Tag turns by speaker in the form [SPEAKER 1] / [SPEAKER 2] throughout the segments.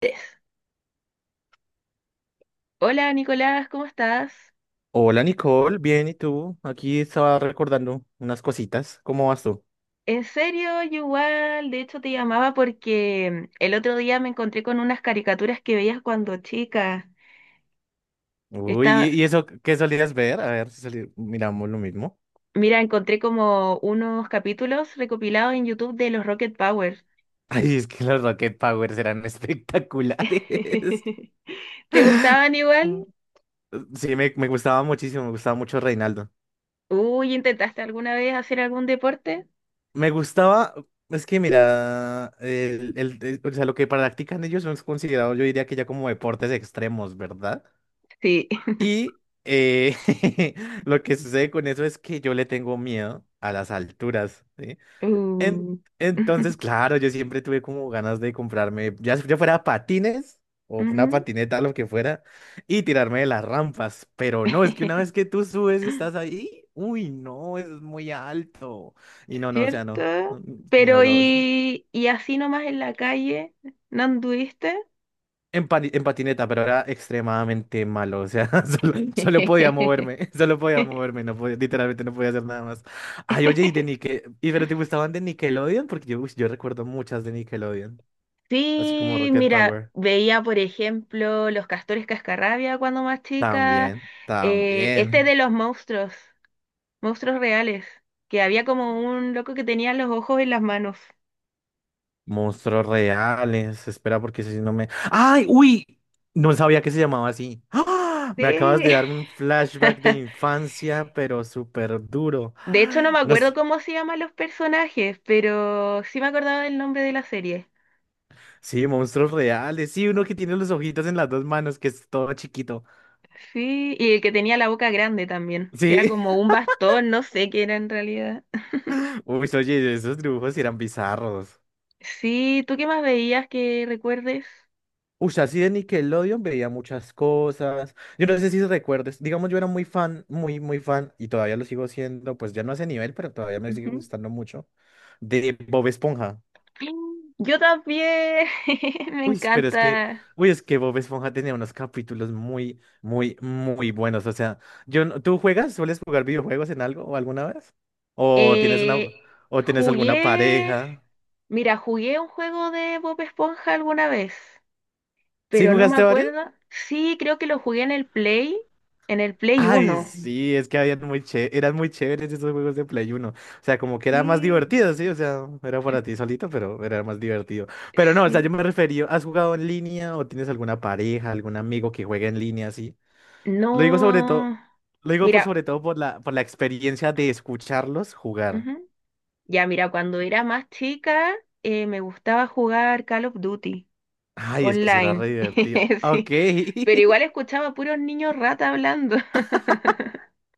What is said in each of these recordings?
[SPEAKER 1] Tess. Hola Nicolás, ¿cómo estás?
[SPEAKER 2] Hola Nicole, bien, ¿y tú? Aquí estaba recordando unas cositas. ¿Cómo vas tú?
[SPEAKER 1] En serio, yo igual, de hecho te llamaba porque el otro día me encontré con unas caricaturas que veías cuando chica.
[SPEAKER 2] Uy, ¿y
[SPEAKER 1] Estaba,
[SPEAKER 2] y eso qué solías ver? A ver si miramos lo mismo.
[SPEAKER 1] mira, encontré como unos capítulos recopilados en YouTube de los Rocket Power.
[SPEAKER 2] Ay, es que los Rocket Powers eran espectaculares.
[SPEAKER 1] ¿Te gustaban igual?
[SPEAKER 2] Mm. Sí, me gustaba muchísimo, me gustaba mucho Reinaldo.
[SPEAKER 1] Uy, ¿intentaste alguna vez hacer algún deporte?
[SPEAKER 2] Me gustaba, es que mira, o sea, lo que practican ellos son considerados, yo diría que ya como deportes extremos, ¿verdad?
[SPEAKER 1] Sí.
[SPEAKER 2] Y lo que sucede con eso es que yo le tengo miedo a las alturas, ¿sí? En-
[SPEAKER 1] Uh.
[SPEAKER 2] entonces, claro, yo siempre tuve como ganas de comprarme, ya fuera patines o una
[SPEAKER 1] Ujú.
[SPEAKER 2] patineta, lo que fuera, y tirarme de las rampas. Pero no, es que una vez que tú subes y estás ahí, uy, no, es muy alto. Y no, no, o sea, no.
[SPEAKER 1] ¿Cierto?
[SPEAKER 2] Y no,
[SPEAKER 1] Pero
[SPEAKER 2] lo,
[SPEAKER 1] y así nomás en la calle, ¿no anduviste?
[SPEAKER 2] En patineta, pero era extremadamente malo. O sea, solo podía moverme. Solo podía moverme. Literalmente no podía hacer nada más. Ay, oye, y de Nickel. ¿Y pero te gustaban de Nickelodeon? Porque yo, uy, yo recuerdo muchas de Nickelodeon. Así como
[SPEAKER 1] Sí,
[SPEAKER 2] Rocket
[SPEAKER 1] mira,
[SPEAKER 2] Power.
[SPEAKER 1] veía por ejemplo Los Castores Cascarrabia cuando más chica,
[SPEAKER 2] También,
[SPEAKER 1] este
[SPEAKER 2] también.
[SPEAKER 1] de los monstruos, monstruos reales, que había como un loco que tenía los ojos en las manos.
[SPEAKER 2] Monstruos reales. Espera, porque si no me. ¡Ay! ¡Uy! No sabía que se llamaba así. ¡Ah! Me acabas de
[SPEAKER 1] Sí.
[SPEAKER 2] dar un flashback de infancia, pero súper duro.
[SPEAKER 1] De hecho no me
[SPEAKER 2] Ay, no
[SPEAKER 1] acuerdo
[SPEAKER 2] sé.
[SPEAKER 1] cómo se llaman los personajes, pero sí me acordaba del nombre de la serie.
[SPEAKER 2] Sí, monstruos reales. Sí, uno que tiene los ojitos en las dos manos, que es todo chiquito.
[SPEAKER 1] Sí, y el que tenía la boca grande también, que era
[SPEAKER 2] Sí.
[SPEAKER 1] como un bastón, no sé qué era en realidad.
[SPEAKER 2] Uy, oye, esos dibujos eran bizarros.
[SPEAKER 1] Sí, ¿tú qué más veías que recuerdes?
[SPEAKER 2] Uy, así de Nickelodeon veía muchas cosas. Yo no sé si recuerdes. Digamos, yo era muy fan, muy fan, y todavía lo sigo siendo, pues ya no a ese nivel, pero todavía me sigue
[SPEAKER 1] Ujú.
[SPEAKER 2] gustando mucho, de Bob Esponja.
[SPEAKER 1] Yo también, me
[SPEAKER 2] Uy, pero es que,
[SPEAKER 1] encanta.
[SPEAKER 2] uy, es que Bob Esponja tenía unos capítulos muy buenos. O sea, yo, no- ¿tú juegas? ¿Sueles jugar videojuegos en algo o alguna vez? ¿O tienes
[SPEAKER 1] Eh,
[SPEAKER 2] o tienes alguna
[SPEAKER 1] jugué,
[SPEAKER 2] pareja?
[SPEAKER 1] mira, jugué un juego de Bob Esponja alguna vez,
[SPEAKER 2] ¿Sí
[SPEAKER 1] pero no me
[SPEAKER 2] jugaste varios?
[SPEAKER 1] acuerdo. Sí, creo que lo jugué en el en el Play
[SPEAKER 2] Ay,
[SPEAKER 1] uno.
[SPEAKER 2] sí, es que habían eran muy chéveres esos juegos de Play uno. O sea, como que era más divertido, sí, o sea, era para ti solito, pero era más divertido. Pero no, o sea, yo
[SPEAKER 1] Sí,
[SPEAKER 2] me refería, ¿has jugado en línea o tienes alguna pareja, algún amigo que juegue en línea, así? Lo digo sobre todo,
[SPEAKER 1] no.
[SPEAKER 2] lo digo por
[SPEAKER 1] Mira,
[SPEAKER 2] sobre todo por la experiencia de escucharlos jugar.
[SPEAKER 1] ujú. Ya, mira, cuando era más chica me gustaba jugar Call of Duty
[SPEAKER 2] Ay, es que será re
[SPEAKER 1] online,
[SPEAKER 2] divertido.
[SPEAKER 1] sí,
[SPEAKER 2] Ok.
[SPEAKER 1] pero igual escuchaba puros niños rata hablando.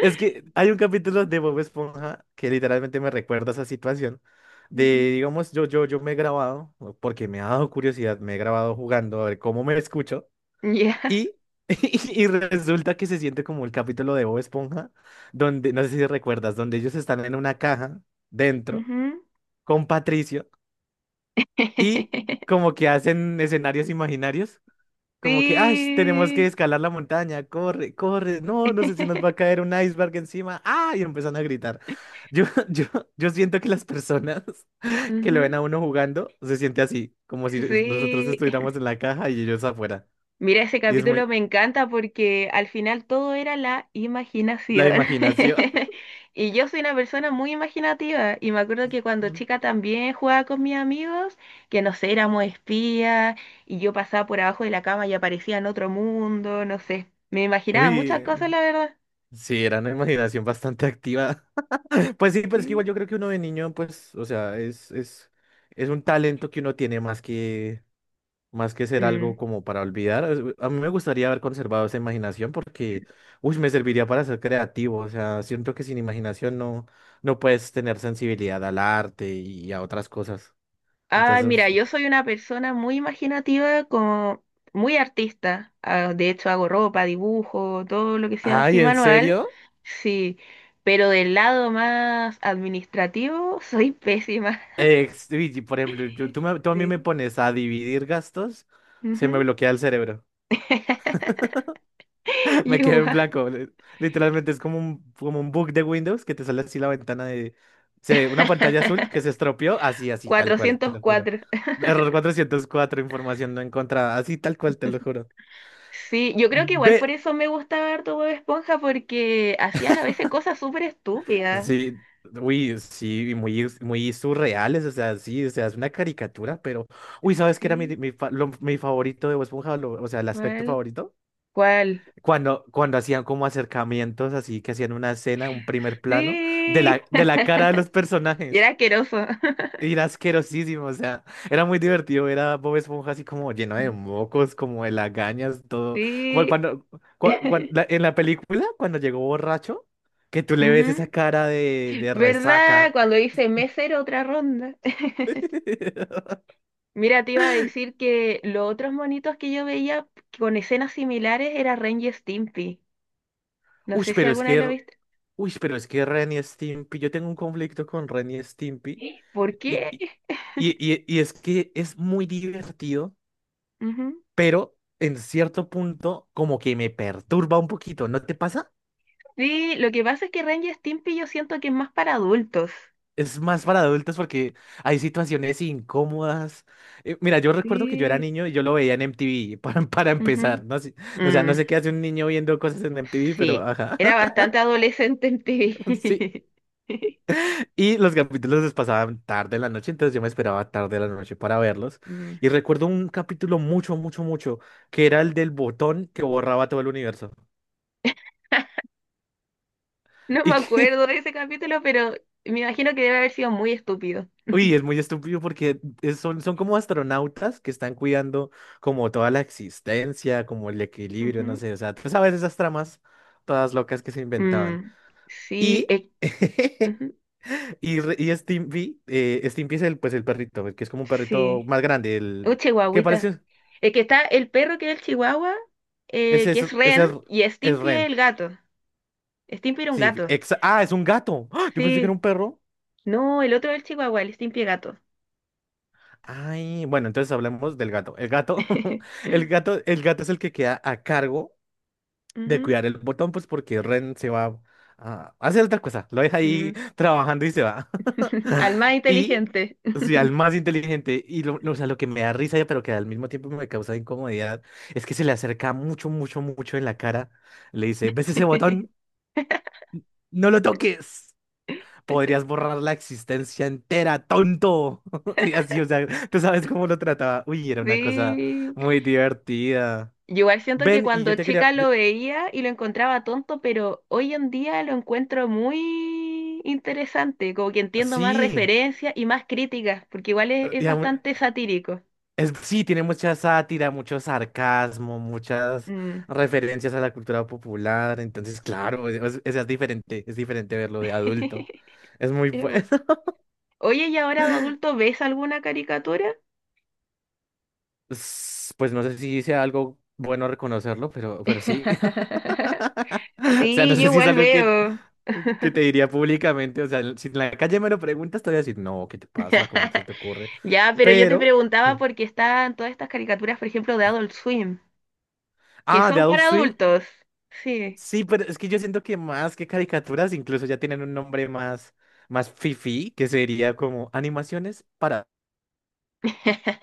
[SPEAKER 2] Es que hay un capítulo de Bob Esponja que literalmente me recuerda esa situación.
[SPEAKER 1] Ujú.
[SPEAKER 2] De, digamos, yo me he grabado, porque me ha dado curiosidad, me he grabado jugando a ver cómo me escucho.
[SPEAKER 1] Ya.
[SPEAKER 2] Y, y resulta que se siente como el capítulo de Bob Esponja, donde, no sé si recuerdas, donde ellos están en una caja dentro
[SPEAKER 1] Ujú.
[SPEAKER 2] con Patricio. Y como que hacen escenarios imaginarios, como que, ay, tenemos que
[SPEAKER 1] Sí.
[SPEAKER 2] escalar la montaña, corre, corre, no, no sé si nos va a caer un iceberg encima, ah, y empiezan a gritar. Yo, yo siento que las personas que lo ven
[SPEAKER 1] Ujú,
[SPEAKER 2] a uno jugando se siente así, como si nosotros
[SPEAKER 1] sí.
[SPEAKER 2] estuviéramos en la caja y ellos afuera.
[SPEAKER 1] Mira, ese
[SPEAKER 2] Y es muy,
[SPEAKER 1] capítulo me encanta porque al final todo era la
[SPEAKER 2] la
[SPEAKER 1] imaginación.
[SPEAKER 2] imaginación.
[SPEAKER 1] Y yo soy una persona muy imaginativa y me acuerdo que cuando chica también jugaba con mis amigos, que no sé, éramos espías y yo pasaba por abajo de la cama y aparecía en otro mundo, no sé. Me imaginaba muchas
[SPEAKER 2] Uy,
[SPEAKER 1] cosas, la verdad.
[SPEAKER 2] sí, era una imaginación bastante activa. Pues sí, pero es que igual yo creo que uno de niño, pues, o sea, es un talento que uno tiene más que ser algo
[SPEAKER 1] Mm.
[SPEAKER 2] como para olvidar, a mí me gustaría haber conservado esa imaginación porque, uy, me serviría para ser creativo. O sea, siento que sin imaginación no puedes tener sensibilidad al arte y a otras cosas.
[SPEAKER 1] Ay,
[SPEAKER 2] Entonces,
[SPEAKER 1] mira, yo soy una persona muy imaginativa, como muy artista. Ah, de hecho, hago ropa, dibujo, todo lo que sea así
[SPEAKER 2] ay, ¿en
[SPEAKER 1] manual.
[SPEAKER 2] serio?
[SPEAKER 1] Sí, pero del lado más administrativo soy pésima.
[SPEAKER 2] Uy, y por ejemplo, tú a mí me
[SPEAKER 1] Sí.
[SPEAKER 2] pones a dividir gastos, se me
[SPEAKER 1] Ujú.
[SPEAKER 2] bloquea el cerebro. Me quedé en
[SPEAKER 1] Igual.
[SPEAKER 2] blanco. Literalmente es como como un bug de Windows que te sale así la ventana de... una pantalla azul que se estropeó, así, así, tal cual, te
[SPEAKER 1] cuatrocientos
[SPEAKER 2] lo juro.
[SPEAKER 1] cuatro.
[SPEAKER 2] Error 404 información no encontrada, así, tal cual, te lo juro.
[SPEAKER 1] Sí, yo creo que igual por
[SPEAKER 2] Ve.
[SPEAKER 1] eso me gustaba harto Bob Esponja, porque hacían a veces cosas súper estúpidas.
[SPEAKER 2] Sí, uy, sí, y muy, muy surreales, o sea, sí, o sea, es una caricatura, pero... Uy, ¿sabes qué era
[SPEAKER 1] Sí,
[SPEAKER 2] mi favorito de Bob Esponja? O sea, el aspecto
[SPEAKER 1] ¿cuál?
[SPEAKER 2] favorito.
[SPEAKER 1] ¿Cuál?
[SPEAKER 2] Cuando hacían como acercamientos, así que hacían una escena, un primer plano,
[SPEAKER 1] Sí.
[SPEAKER 2] de la cara de los
[SPEAKER 1] Y era
[SPEAKER 2] personajes.
[SPEAKER 1] asqueroso.
[SPEAKER 2] Era asquerosísimo, o sea, era muy divertido ver a Bob Esponja así como lleno de mocos, como de lagañas, todo. Como
[SPEAKER 1] Sí.
[SPEAKER 2] cuando, en la película, cuando llegó borracho, que tú le ves esa
[SPEAKER 1] Ujú.
[SPEAKER 2] cara de
[SPEAKER 1] ¿Verdad?
[SPEAKER 2] resaca.
[SPEAKER 1] Cuando hice mesero, otra ronda. Mira, te iba a decir que los otros monitos que yo veía con escenas similares era Ren y Stimpy. No
[SPEAKER 2] Uy,
[SPEAKER 1] sé si
[SPEAKER 2] pero es
[SPEAKER 1] alguna vez lo
[SPEAKER 2] que,
[SPEAKER 1] viste.
[SPEAKER 2] uy, pero es que Ren y Stimpy, yo tengo un conflicto con Ren y Stimpy.
[SPEAKER 1] ¿Por
[SPEAKER 2] Y,
[SPEAKER 1] qué?
[SPEAKER 2] y, y es que es muy divertido,
[SPEAKER 1] Ujú.
[SPEAKER 2] pero en cierto punto como que me perturba un poquito, ¿no te pasa?
[SPEAKER 1] Sí, lo que pasa es que Ren y Stimpy yo siento que es más para adultos.
[SPEAKER 2] Es más para adultos porque hay situaciones incómodas. Mira, yo recuerdo que yo era
[SPEAKER 1] Sí.
[SPEAKER 2] niño y yo lo veía en MTV para
[SPEAKER 1] Ujú.
[SPEAKER 2] empezar. No sé, o sea, no
[SPEAKER 1] Mm,
[SPEAKER 2] sé qué hace un niño viendo cosas en MTV, pero
[SPEAKER 1] sí,
[SPEAKER 2] ajá,
[SPEAKER 1] era bastante adolescente en
[SPEAKER 2] sí.
[SPEAKER 1] TV.
[SPEAKER 2] Y los capítulos los pasaban tarde en la noche, entonces yo me esperaba tarde en la noche para verlos.
[SPEAKER 1] Mm.
[SPEAKER 2] Y recuerdo un capítulo mucho, que era el del botón que borraba todo el universo.
[SPEAKER 1] No me
[SPEAKER 2] Y que,
[SPEAKER 1] acuerdo de ese capítulo, pero me imagino que debe haber sido muy estúpido.
[SPEAKER 2] uy, es muy estúpido porque son, son como astronautas que están cuidando como toda la existencia, como el equilibrio, no sé, o sea, tú sabes esas tramas todas locas que se
[SPEAKER 1] Ujú.
[SPEAKER 2] inventaban.
[SPEAKER 1] Mm, sí,
[SPEAKER 2] Y,
[SPEAKER 1] ujú,
[SPEAKER 2] y, re- y Stimpy, Stimpy es el, pues, el perrito, el que es como un perrito
[SPEAKER 1] sí.
[SPEAKER 2] más grande,
[SPEAKER 1] Un
[SPEAKER 2] el que
[SPEAKER 1] chihuahuita.
[SPEAKER 2] parece,
[SPEAKER 1] Es que está el perro que es el chihuahua, que es Ren,
[SPEAKER 2] ese
[SPEAKER 1] y
[SPEAKER 2] es
[SPEAKER 1] Stimpy es
[SPEAKER 2] Ren.
[SPEAKER 1] el gato. Stimpy era un
[SPEAKER 2] Sí,
[SPEAKER 1] gato.
[SPEAKER 2] ah, es un gato. ¡Ah! Yo pensé que era
[SPEAKER 1] Sí.
[SPEAKER 2] un perro.
[SPEAKER 1] No, el otro es el chihuahua, el Stimpy es gato.
[SPEAKER 2] Ay, bueno, entonces hablemos del gato. El gato, el gato es el que queda a cargo de
[SPEAKER 1] Ujú,
[SPEAKER 2] cuidar el botón, pues porque Ren se va a hacer otra cosa, lo deja ahí
[SPEAKER 1] ujú.
[SPEAKER 2] trabajando y se va.
[SPEAKER 1] Al más
[SPEAKER 2] Y,
[SPEAKER 1] inteligente.
[SPEAKER 2] o sea, el más inteligente, o sea, lo que me da risa, pero que al mismo tiempo me causa incomodidad, es que se le acerca mucho en la cara, le dice, ¿ves ese botón? No lo toques. Podrías borrar la existencia entera, tonto. Y así, o sea, tú sabes cómo lo trataba. Uy, era una cosa
[SPEAKER 1] Sí.
[SPEAKER 2] muy divertida.
[SPEAKER 1] Yo igual siento que
[SPEAKER 2] Ven, y
[SPEAKER 1] cuando
[SPEAKER 2] yo te quería...
[SPEAKER 1] chica
[SPEAKER 2] yo-
[SPEAKER 1] lo veía y lo encontraba tonto, pero hoy en día lo encuentro muy interesante, como que entiendo más
[SPEAKER 2] Sí,
[SPEAKER 1] referencias y más críticas, porque igual es bastante satírico.
[SPEAKER 2] Es, sí, tiene mucha sátira, mucho sarcasmo, muchas
[SPEAKER 1] Mm.
[SPEAKER 2] referencias a la cultura popular. Entonces, claro, es diferente verlo de adulto. Es muy
[SPEAKER 1] Es
[SPEAKER 2] bueno.
[SPEAKER 1] bueno. Oye, ¿y ahora de adulto ves alguna caricatura?
[SPEAKER 2] Pues no sé si sea algo bueno reconocerlo, pero sí. O sea, no
[SPEAKER 1] Sí, yo
[SPEAKER 2] sé si es
[SPEAKER 1] igual
[SPEAKER 2] algo
[SPEAKER 1] veo.
[SPEAKER 2] que te diría públicamente. O sea, si en la calle me lo preguntas, te voy a decir, no, ¿qué te pasa? ¿Cómo se te ocurre?
[SPEAKER 1] Ya, pero yo te
[SPEAKER 2] Pero... mm,
[SPEAKER 1] preguntaba por qué están todas estas caricaturas, por ejemplo, de Adult Swim, que
[SPEAKER 2] ah, de
[SPEAKER 1] son
[SPEAKER 2] Adult
[SPEAKER 1] para
[SPEAKER 2] Swim.
[SPEAKER 1] adultos. Sí.
[SPEAKER 2] Sí, pero es que yo siento que más que caricaturas, incluso ya tienen un nombre más, más fifí, que sería como animaciones para...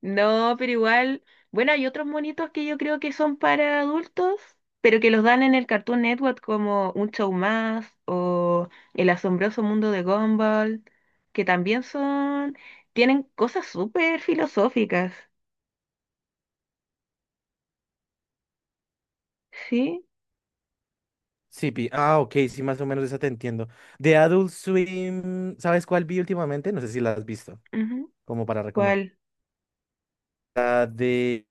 [SPEAKER 1] No, pero igual, bueno, hay otros monitos que yo creo que son para adultos, pero que los dan en el Cartoon Network como Un Show Más o El Asombroso Mundo de Gumball, que también son, tienen cosas súper filosóficas, ¿sí?
[SPEAKER 2] Sipi. Ah, ok, sí, más o menos esa te entiendo. De Adult Swim, ¿sabes cuál vi últimamente? No sé si la has visto,
[SPEAKER 1] Ujú.
[SPEAKER 2] como para recomendar.
[SPEAKER 1] ¿Cuál?
[SPEAKER 2] La de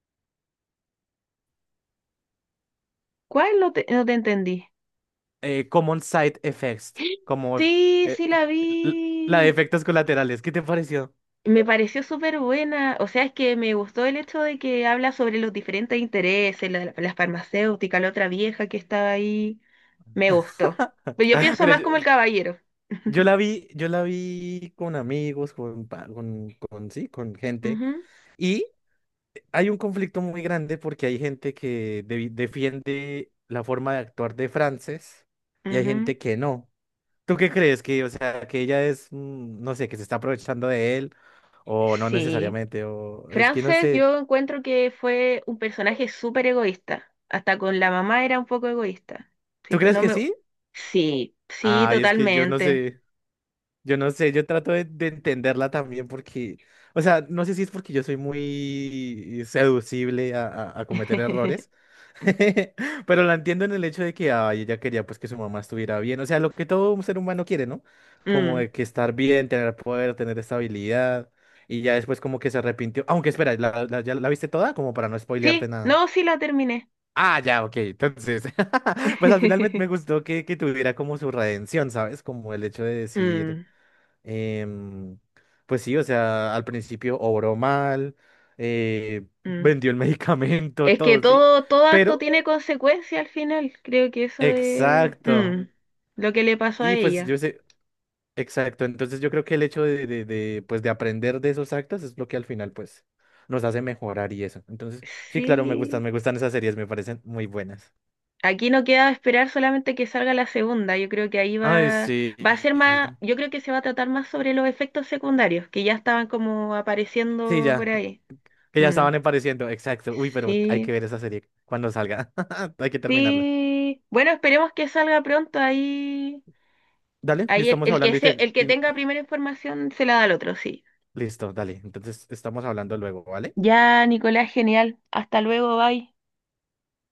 [SPEAKER 1] ¿Cuál no te entendí?
[SPEAKER 2] Common Side Effects, como
[SPEAKER 1] Sí,
[SPEAKER 2] eh,
[SPEAKER 1] sí la
[SPEAKER 2] l- la de
[SPEAKER 1] vi.
[SPEAKER 2] efectos colaterales. ¿Qué te pareció?
[SPEAKER 1] Me pareció súper buena, o sea, es que me gustó el hecho de que habla sobre los diferentes intereses, la farmacéutica, la otra vieja que estaba ahí, me gustó. Pero yo pienso
[SPEAKER 2] Mira,
[SPEAKER 1] más como el caballero.
[SPEAKER 2] yo la vi con amigos, con, pa- con, sí, con gente.
[SPEAKER 1] Ujú,
[SPEAKER 2] Hay un conflicto muy grande porque hay gente que defiende la forma de actuar de Frances y hay
[SPEAKER 1] ujú.
[SPEAKER 2] gente que no. ¿Tú qué crees? Que, o sea, que ella es, mm, no sé, que se está aprovechando de él o no
[SPEAKER 1] Sí.
[SPEAKER 2] necesariamente, o es que no
[SPEAKER 1] Frances,
[SPEAKER 2] sé.
[SPEAKER 1] yo encuentro que fue un personaje súper egoísta. Hasta con la mamá era un poco egoísta. Así
[SPEAKER 2] ¿Tú
[SPEAKER 1] que
[SPEAKER 2] crees
[SPEAKER 1] no
[SPEAKER 2] que
[SPEAKER 1] me...
[SPEAKER 2] sí?
[SPEAKER 1] Sí, sí,
[SPEAKER 2] Ay, es que yo no
[SPEAKER 1] totalmente.
[SPEAKER 2] sé, yo no sé, yo trato de entenderla también porque, o sea, no sé si es porque yo soy muy seducible a cometer errores. Pero la entiendo en el hecho de que ay, ella quería pues que su mamá estuviera bien, o sea, lo que todo un ser humano quiere, ¿no? Como
[SPEAKER 1] Mm.
[SPEAKER 2] de que estar bien, tener poder, tener estabilidad, y ya después como que se arrepintió. Aunque espera, ya la viste toda? Como para no spoilearte
[SPEAKER 1] Sí,
[SPEAKER 2] nada.
[SPEAKER 1] no, sí la terminé.
[SPEAKER 2] Ah, ya, ok, entonces, pues al final me gustó que tuviera como su redención, ¿sabes? Como el hecho de decir,
[SPEAKER 1] Mm.
[SPEAKER 2] em, pues sí, o sea, al principio obró mal,
[SPEAKER 1] Mm.
[SPEAKER 2] vendió el medicamento,
[SPEAKER 1] Es que
[SPEAKER 2] todo, ¿sí?
[SPEAKER 1] todo acto
[SPEAKER 2] Pero
[SPEAKER 1] tiene consecuencia al final. Creo que eso de
[SPEAKER 2] exacto.
[SPEAKER 1] mm, lo que le pasó a
[SPEAKER 2] Y pues
[SPEAKER 1] ella.
[SPEAKER 2] yo sé, exacto. Entonces yo creo que el hecho de, pues de aprender de esos actos es lo que al final pues nos hace mejorar y eso. Entonces, sí, claro,
[SPEAKER 1] Sí.
[SPEAKER 2] me gustan esas series, me parecen muy buenas.
[SPEAKER 1] Aquí no queda esperar solamente que salga la segunda. Yo creo que ahí
[SPEAKER 2] Ay,
[SPEAKER 1] va,
[SPEAKER 2] sí.
[SPEAKER 1] va a ser más, yo creo que se va a tratar más sobre los efectos secundarios que ya estaban como
[SPEAKER 2] Sí,
[SPEAKER 1] apareciendo por
[SPEAKER 2] ya,
[SPEAKER 1] ahí.
[SPEAKER 2] que ya
[SPEAKER 1] Mm.
[SPEAKER 2] estaban apareciendo, exacto. Uy, pero hay que
[SPEAKER 1] Sí,
[SPEAKER 2] ver esa serie cuando salga. Hay que terminarla.
[SPEAKER 1] sí. Bueno, esperemos que salga pronto ahí.
[SPEAKER 2] Dale,
[SPEAKER 1] Ahí
[SPEAKER 2] estamos hablando y te...
[SPEAKER 1] el que
[SPEAKER 2] y-
[SPEAKER 1] tenga primera información se la da al otro, sí.
[SPEAKER 2] Listo, dale. Entonces estamos hablando luego, ¿vale?
[SPEAKER 1] Ya, Nicolás, genial. Hasta luego, bye.